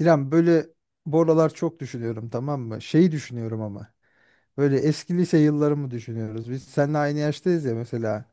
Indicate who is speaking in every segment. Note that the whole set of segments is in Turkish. Speaker 1: İrem böyle bu aralar çok düşünüyorum tamam mı? Şeyi düşünüyorum ama. Böyle eski lise yıllarımı düşünüyoruz. Biz seninle aynı yaştayız ya mesela.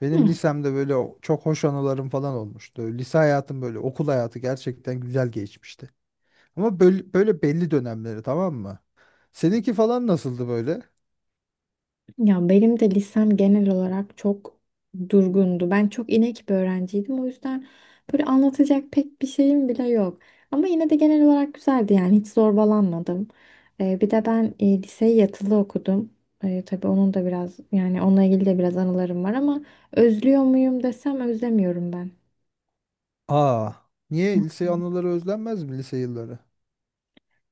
Speaker 1: Benim
Speaker 2: Hı.
Speaker 1: lisemde böyle çok hoş anılarım falan olmuştu. Lise hayatım böyle okul hayatı gerçekten güzel geçmişti. Ama böyle belli dönemleri tamam mı? Seninki falan nasıldı böyle?
Speaker 2: Ya benim de lisem genel olarak çok durgundu. Ben çok inek bir öğrenciydim. O yüzden böyle anlatacak pek bir şeyim bile yok. Ama yine de genel olarak güzeldi, yani hiç zorbalanmadım. Bir de ben liseyi yatılı okudum. Tabii onun da biraz, yani onunla ilgili de biraz anılarım var ama özlüyor muyum desem özlemiyorum ben.
Speaker 1: Aa, niye lise anıları özlenmez mi lise yılları?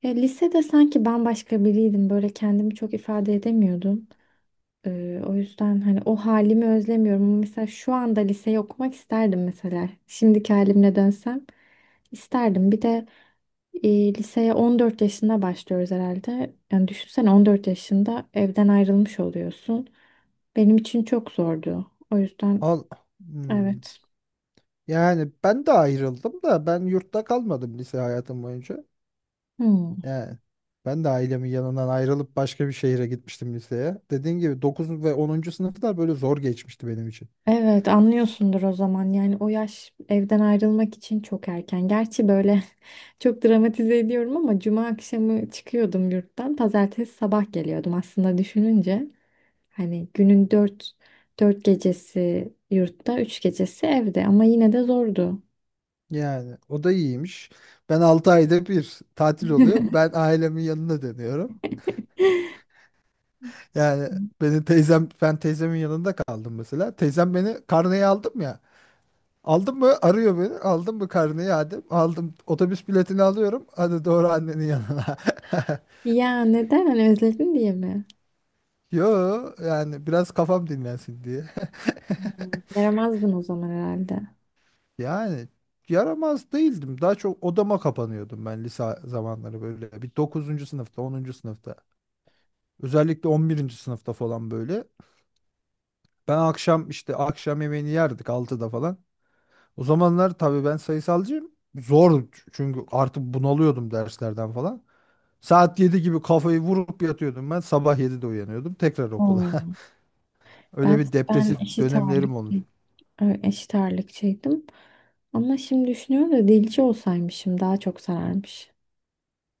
Speaker 2: Ya lisede sanki bambaşka biriydim. Böyle kendimi çok ifade edemiyordum. O yüzden hani o halimi özlemiyorum. Ama mesela şu anda liseyi okumak isterdim mesela. Şimdiki halimle dönsem isterdim. Bir de liseye 14 yaşında başlıyoruz herhalde. Yani düşünsene 14 yaşında evden ayrılmış oluyorsun. Benim için çok zordu. O yüzden
Speaker 1: Al, hmm.
Speaker 2: evet.
Speaker 1: Yani ben de ayrıldım da ben yurtta kalmadım lise hayatım boyunca.
Speaker 2: Hmm.
Speaker 1: Yani ben de ailemin yanından ayrılıp başka bir şehire gitmiştim liseye. Dediğim gibi 9 ve 10. sınıflar böyle zor geçmişti benim için.
Speaker 2: Evet, anlıyorsundur o zaman. Yani o yaş evden ayrılmak için çok erken. Gerçi böyle çok dramatize ediyorum ama cuma akşamı çıkıyordum yurttan. Pazartesi sabah geliyordum aslında düşününce. Hani dört gecesi yurtta, üç gecesi evde ama yine de zordu.
Speaker 1: Yani o da iyiymiş. Ben 6 ayda bir tatil oluyor. Ben ailemin yanına dönüyorum. Yani ben teyzemin yanında kaldım mesela. Teyzem beni karneyi aldım ya. Aldın mı? Arıyor beni. Aldın mı karneyi Adem? Aldım. Otobüs biletini alıyorum. Hadi doğru annenin yanına.
Speaker 2: Ya neden? Hani özledin diye mi?
Speaker 1: Yo yani biraz kafam dinlensin diye.
Speaker 2: Yaramazdın o zaman herhalde.
Speaker 1: Yani yaramaz değildim. Daha çok odama kapanıyordum ben lise zamanları böyle. Bir dokuzuncu sınıfta, onuncu sınıfta. Özellikle 11. sınıfta falan böyle. Ben akşam yemeğini yerdik altıda falan. O zamanlar tabii ben sayısalcıyım. Zor çünkü artık bunalıyordum derslerden falan. Saat 7 gibi kafayı vurup yatıyordum ben. Sabah 7'de uyanıyordum. Tekrar okula.
Speaker 2: Oo,
Speaker 1: Öyle
Speaker 2: ben
Speaker 1: bir
Speaker 2: ben
Speaker 1: depresif
Speaker 2: eşit ağırlık.
Speaker 1: dönemlerim olmuş.
Speaker 2: Evet, eşit ağırlıkçıydım. Ama şimdi düşünüyorum da dilci olsaymışım daha çok sararmış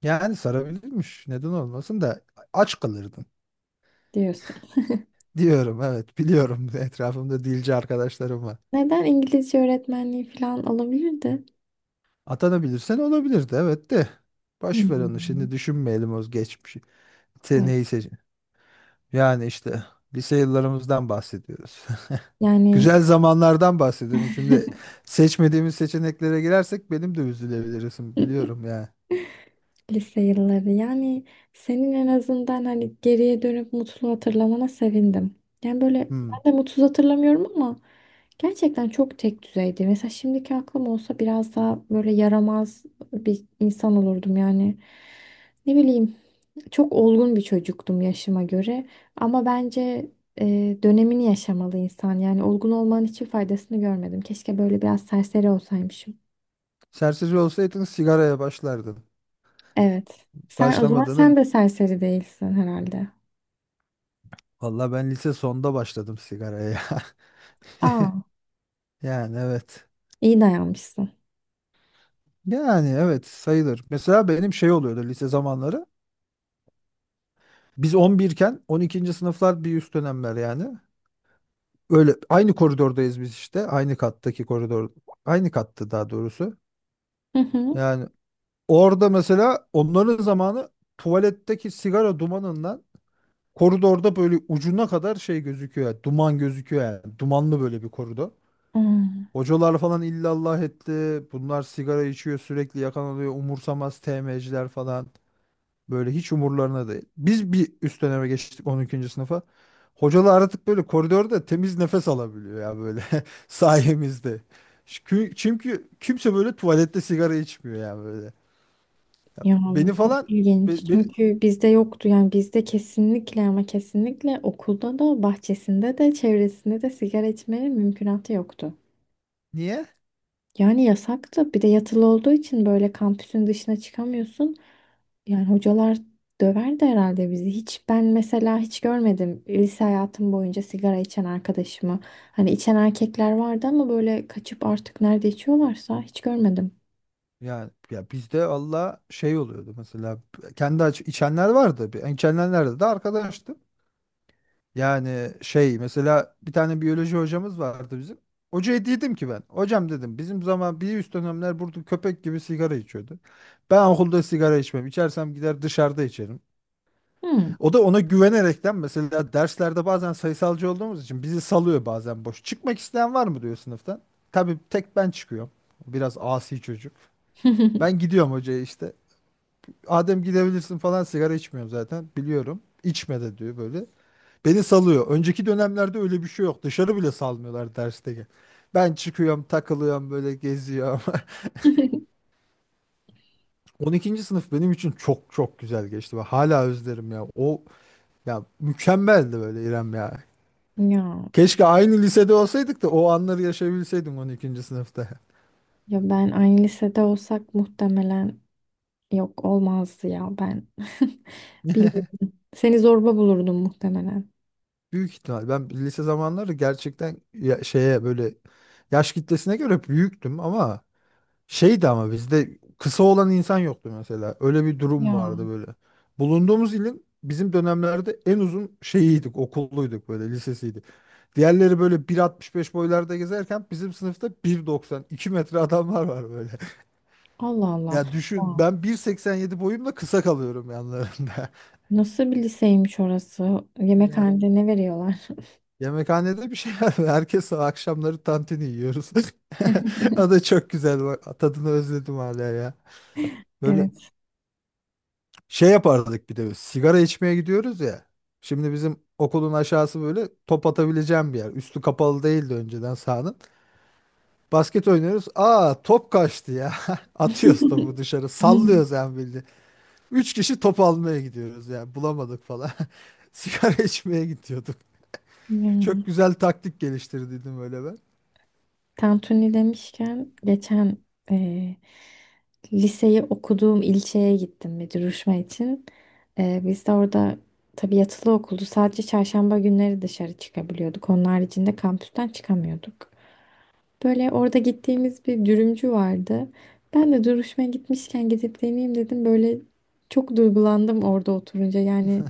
Speaker 1: Yani sarabilirmiş. Neden olmasın da aç kalırdın.
Speaker 2: diyorsun.
Speaker 1: Diyorum evet biliyorum. Etrafımda dilci arkadaşlarım var.
Speaker 2: Neden? İngilizce öğretmenliği falan olabilirdi.
Speaker 1: Atanabilirsen olabilirdi evet de. Boş ver onu
Speaker 2: Hmm.
Speaker 1: şimdi düşünmeyelim o geçmişi.
Speaker 2: Evet.
Speaker 1: Seneyi seç. Yani işte lise yıllarımızdan bahsediyoruz.
Speaker 2: Yani
Speaker 1: Güzel zamanlardan bahsediyorum. Şimdi seçmediğimiz seçeneklere girersek benim de üzülebilirsin biliyorum ya.
Speaker 2: lise yılları, yani senin en azından hani geriye dönüp mutlu hatırlamana sevindim. Yani böyle
Speaker 1: Hmm.
Speaker 2: ben de mutsuz hatırlamıyorum ama gerçekten çok tek düzeydi. Mesela şimdiki aklım olsa biraz daha böyle yaramaz bir insan olurdum yani. Ne bileyim, çok olgun bir çocuktum yaşıma göre. Ama bence dönemini yaşamalı insan. Yani olgun olmanın hiçbir faydasını görmedim. Keşke böyle biraz serseri olsaymışım.
Speaker 1: Serseri olsaydın sigaraya başlardın.
Speaker 2: Evet. Sen o zaman,
Speaker 1: Başlamadığını
Speaker 2: sen de serseri değilsin herhalde.
Speaker 1: valla ben lise sonda başladım sigaraya.
Speaker 2: Aa,
Speaker 1: Yani evet.
Speaker 2: iyi dayanmışsın.
Speaker 1: Yani evet sayılır. Mesela benim şey oluyordu lise zamanları. Biz 11 iken 12. sınıflar bir üst dönemler yani. Öyle aynı koridordayız biz işte. Aynı kattaki koridor. Aynı kattı daha doğrusu.
Speaker 2: Hı hı.
Speaker 1: Yani orada mesela onların zamanı tuvaletteki sigara dumanından koridorda böyle ucuna kadar şey gözüküyor. Yani duman gözüküyor yani. Dumanlı böyle bir koridor.
Speaker 2: Hmm.
Speaker 1: Hocalar falan illallah etti. Bunlar sigara içiyor sürekli yakan oluyor. Umursamaz TM'ciler falan. Böyle hiç umurlarına değil. Biz bir üst döneme geçtik 12. sınıfa. Hocalar artık böyle koridorda temiz nefes alabiliyor ya böyle sayemizde. Çünkü kimse böyle tuvalette sigara içmiyor yani böyle. Ya
Speaker 2: Ya
Speaker 1: beni
Speaker 2: çok
Speaker 1: falan
Speaker 2: ilginç.
Speaker 1: be- beni-
Speaker 2: Çünkü bizde yoktu, yani bizde kesinlikle ama kesinlikle okulda da bahçesinde de çevresinde de sigara içmenin mümkünatı yoktu.
Speaker 1: niye?
Speaker 2: Yani yasaktı. Bir de yatılı olduğu için böyle kampüsün dışına çıkamıyorsun. Yani hocalar döverdi herhalde bizi. Hiç ben mesela hiç görmedim lise hayatım boyunca sigara içen arkadaşımı. Hani içen erkekler vardı ama böyle kaçıp artık nerede içiyorlarsa hiç görmedim.
Speaker 1: Yani ya bizde Allah şey oluyordu mesela kendi içenler vardı. Ben içenler nerede de arkadaştım. Yani şey mesela bir tane biyoloji hocamız vardı bizim. Hocaya dedim ki ben. Hocam dedim bizim zaman bir üst dönemler burada köpek gibi sigara içiyordu. Ben okulda sigara içmem. İçersem gider dışarıda içerim.
Speaker 2: Hmm.
Speaker 1: O da ona güvenerekten mesela derslerde bazen sayısalcı olduğumuz için bizi salıyor bazen boş. Çıkmak isteyen var mı diyor sınıftan. Tabii tek ben çıkıyorum. Biraz asi çocuk. Ben gidiyorum hocaya işte. Adem gidebilirsin falan sigara içmiyorum zaten biliyorum. İçme de diyor böyle. Beni salıyor. Önceki dönemlerde öyle bir şey yok. Dışarı bile salmıyorlar dersteki. Ben çıkıyorum, takılıyorum, böyle geziyorum. 12. sınıf benim için çok çok güzel geçti. Ve hala özlerim ya. O ya mükemmeldi böyle İrem ya.
Speaker 2: Ya biz,
Speaker 1: Keşke aynı lisede olsaydık da o anları yaşayabilseydim 12. sınıfta.
Speaker 2: ya ben aynı lisede olsak muhtemelen yok, olmazdı ya ben. Bilmiyorum. Seni zorba bulurdum muhtemelen.
Speaker 1: Büyük ihtimal. Ben lise zamanları gerçekten şeye böyle yaş kitlesine göre büyüktüm ama şeydi ama bizde kısa olan insan yoktu mesela. Öyle bir durum vardı
Speaker 2: Ya
Speaker 1: böyle. Bulunduğumuz ilin bizim dönemlerde en uzun şeyiydik, okulluyduk böyle lisesiydi. Diğerleri böyle 1.65 boylarda gezerken bizim sınıfta 1.90, 2 metre adamlar var böyle.
Speaker 2: Allah Allah.
Speaker 1: Ya düşün
Speaker 2: Ya.
Speaker 1: ben 1.87 boyumla kısa kalıyorum yanlarında.
Speaker 2: Nasıl bir liseymiş orası?
Speaker 1: Ya,
Speaker 2: Yemekhanede ne veriyorlar?
Speaker 1: yemekhanede bir şey var. Herkes akşamları tantini yiyoruz. O da çok güzel. Bak, tadını özledim hala ya. Böyle
Speaker 2: Evet.
Speaker 1: şey yapardık bir de sigara içmeye gidiyoruz ya. Şimdi bizim okulun aşağısı böyle top atabileceğim bir yer. Üstü kapalı değildi önceden sahanın. Basket oynuyoruz. Aa top kaçtı ya. Atıyoruz topu dışarı.
Speaker 2: Hı.
Speaker 1: Sallıyoruz yani bildiğin. Üç kişi top almaya gidiyoruz yani. Bulamadık falan. Sigara içmeye gidiyorduk. Çok
Speaker 2: Yani,
Speaker 1: güzel taktik geliştirdiydim öyle ben.
Speaker 2: tantuni demişken geçen eee, liseyi okuduğum ilçeye gittim bir duruşma için. Biz de orada tabii yatılı okuldu. Sadece çarşamba günleri dışarı çıkabiliyorduk. Onun haricinde kampüsten çıkamıyorduk. Böyle orada gittiğimiz bir dürümcü vardı. Ben de duruşmaya gitmişken gidip deneyeyim dedim. Böyle çok duygulandım orada oturunca. Yani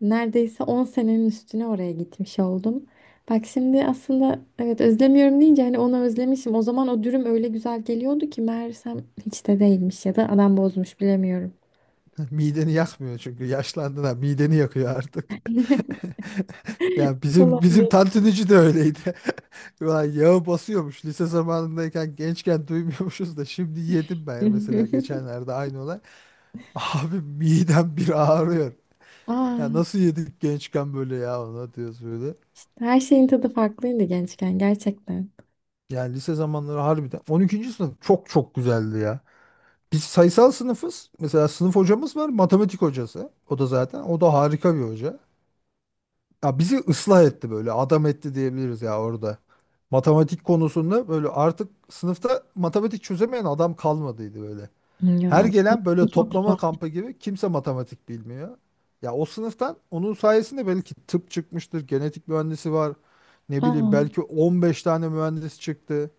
Speaker 2: neredeyse 10 senenin üstüne oraya gitmiş oldum. Bak şimdi aslında, evet, özlemiyorum deyince hani onu özlemişim. O zaman o dürüm öyle güzel geliyordu ki meğersem hiç de değilmiş, ya da adam bozmuş, bilemiyorum.
Speaker 1: Mideni yakmıyor çünkü yaşlandın ha mideni yakıyor artık. Ya bizim
Speaker 2: Olabilir.
Speaker 1: tantunici de öyleydi. Ulan yağı basıyormuş. Lise zamanındayken gençken duymuyormuşuz da şimdi yedim ben mesela geçenlerde aynı olay. Abi midem bir ağrıyor. Ya
Speaker 2: Aa,
Speaker 1: nasıl yedik gençken böyle ya ona diyoruz böyle.
Speaker 2: işte her şeyin tadı farklıydı gençken gerçekten.
Speaker 1: Yani lise zamanları harbiden 12. sınıf çok çok güzeldi ya. Biz sayısal sınıfız. Mesela sınıf hocamız var, matematik hocası. O da zaten o da harika bir hoca. Ya bizi ıslah etti böyle adam etti diyebiliriz ya orada. Matematik konusunda böyle artık sınıfta matematik çözemeyen adam kalmadıydı böyle. Her
Speaker 2: Ya
Speaker 1: gelen böyle
Speaker 2: çok
Speaker 1: toplama
Speaker 2: zor.
Speaker 1: kampı gibi kimse matematik bilmiyor. Ya o sınıftan onun sayesinde belki tıp çıkmıştır, genetik mühendisi var. Ne bileyim
Speaker 2: Aa,
Speaker 1: belki 15 tane mühendis çıktı.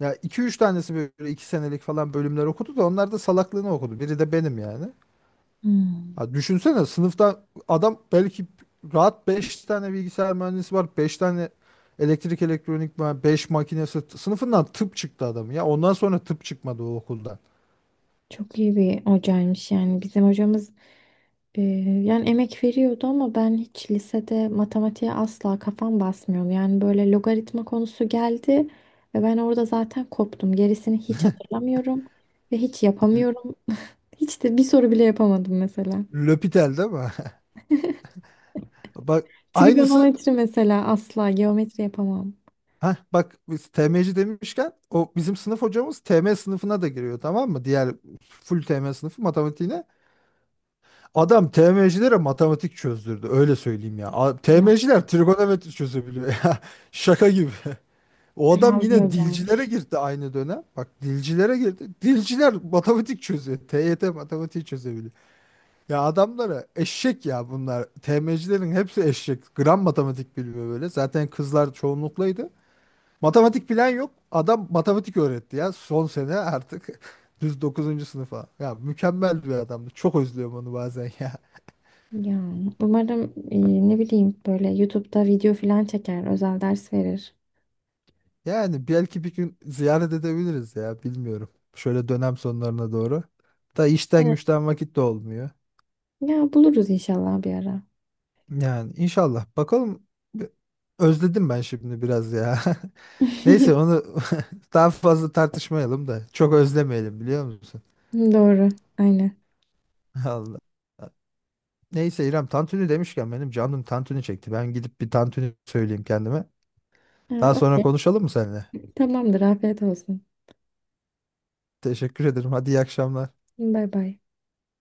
Speaker 1: Ya iki üç tanesi böyle iki senelik falan bölümler okudu da onlar da salaklığını okudu. Biri de benim yani.
Speaker 2: hmm.
Speaker 1: Ya düşünsene sınıfta adam belki rahat 5 tane bilgisayar mühendisi var. Beş tane elektrik elektronik mühendisi, 5 makinesi. Sınıfından tıp çıktı adam ya. Ondan sonra tıp çıkmadı o okuldan.
Speaker 2: Çok iyi bir hocaymış yani. Bizim hocamız, Ee, yani emek veriyordu ama ben hiç lisede matematiğe asla kafam basmıyordu. Yani böyle logaritma konusu geldi ve ben orada zaten koptum. Gerisini hiç hatırlamıyorum ve hiç
Speaker 1: L-
Speaker 2: yapamıyorum. Hiç de bir soru bile yapamadım mesela.
Speaker 1: L'Hopital değil mi? Bak aynısı.
Speaker 2: Trigonometri mesela, asla geometri yapamam.
Speaker 1: Heh, bak biz TM'ci demişken o bizim sınıf hocamız TM sınıfına da giriyor tamam mı? Diğer full TM sınıfı matematiğine. Adam TM'cilere matematik çözdürdü öyle söyleyeyim ya.
Speaker 2: Ya
Speaker 1: TM'ciler trigonometri çözebiliyor ya. Şaka gibi. O adam
Speaker 2: kral
Speaker 1: yine
Speaker 2: diyor
Speaker 1: dilcilere
Speaker 2: gelmiş.
Speaker 1: girdi aynı dönem. Bak dilcilere girdi. Dilciler matematik çözüyor. TYT matematiği çözebiliyor. Ya adamlara eşek ya bunlar. TM'cilerin hepsi eşek. Gram matematik bilmiyor böyle. Zaten kızlar çoğunluklaydı. Matematik bilen yok. Adam matematik öğretti ya. Son sene artık düz dokuzuncu sınıfa. Ya mükemmel bir adamdı. Çok özlüyorum onu bazen ya.
Speaker 2: Ya umarım e, ne bileyim böyle YouTube'da video falan çeker, özel ders verir.
Speaker 1: Yani belki bir gün ziyaret edebiliriz ya. Bilmiyorum. Şöyle dönem sonlarına doğru. Da işten
Speaker 2: Evet.
Speaker 1: güçten vakit de olmuyor.
Speaker 2: Ya buluruz inşallah bir ara.
Speaker 1: Yani inşallah. Bakalım. Özledim ben şimdi biraz ya. Neyse onu daha fazla tartışmayalım da. Çok özlemeyelim biliyor musun?
Speaker 2: Doğru, aynen.
Speaker 1: Allah. Neyse İrem tantuni demişken benim canım tantuni çekti. Ben gidip bir tantuni söyleyeyim kendime.
Speaker 2: Ha,
Speaker 1: Daha sonra
Speaker 2: okey.
Speaker 1: konuşalım mı seninle?
Speaker 2: Tamamdır. Afiyet olsun.
Speaker 1: Teşekkür ederim. Hadi iyi akşamlar.
Speaker 2: Bay bay.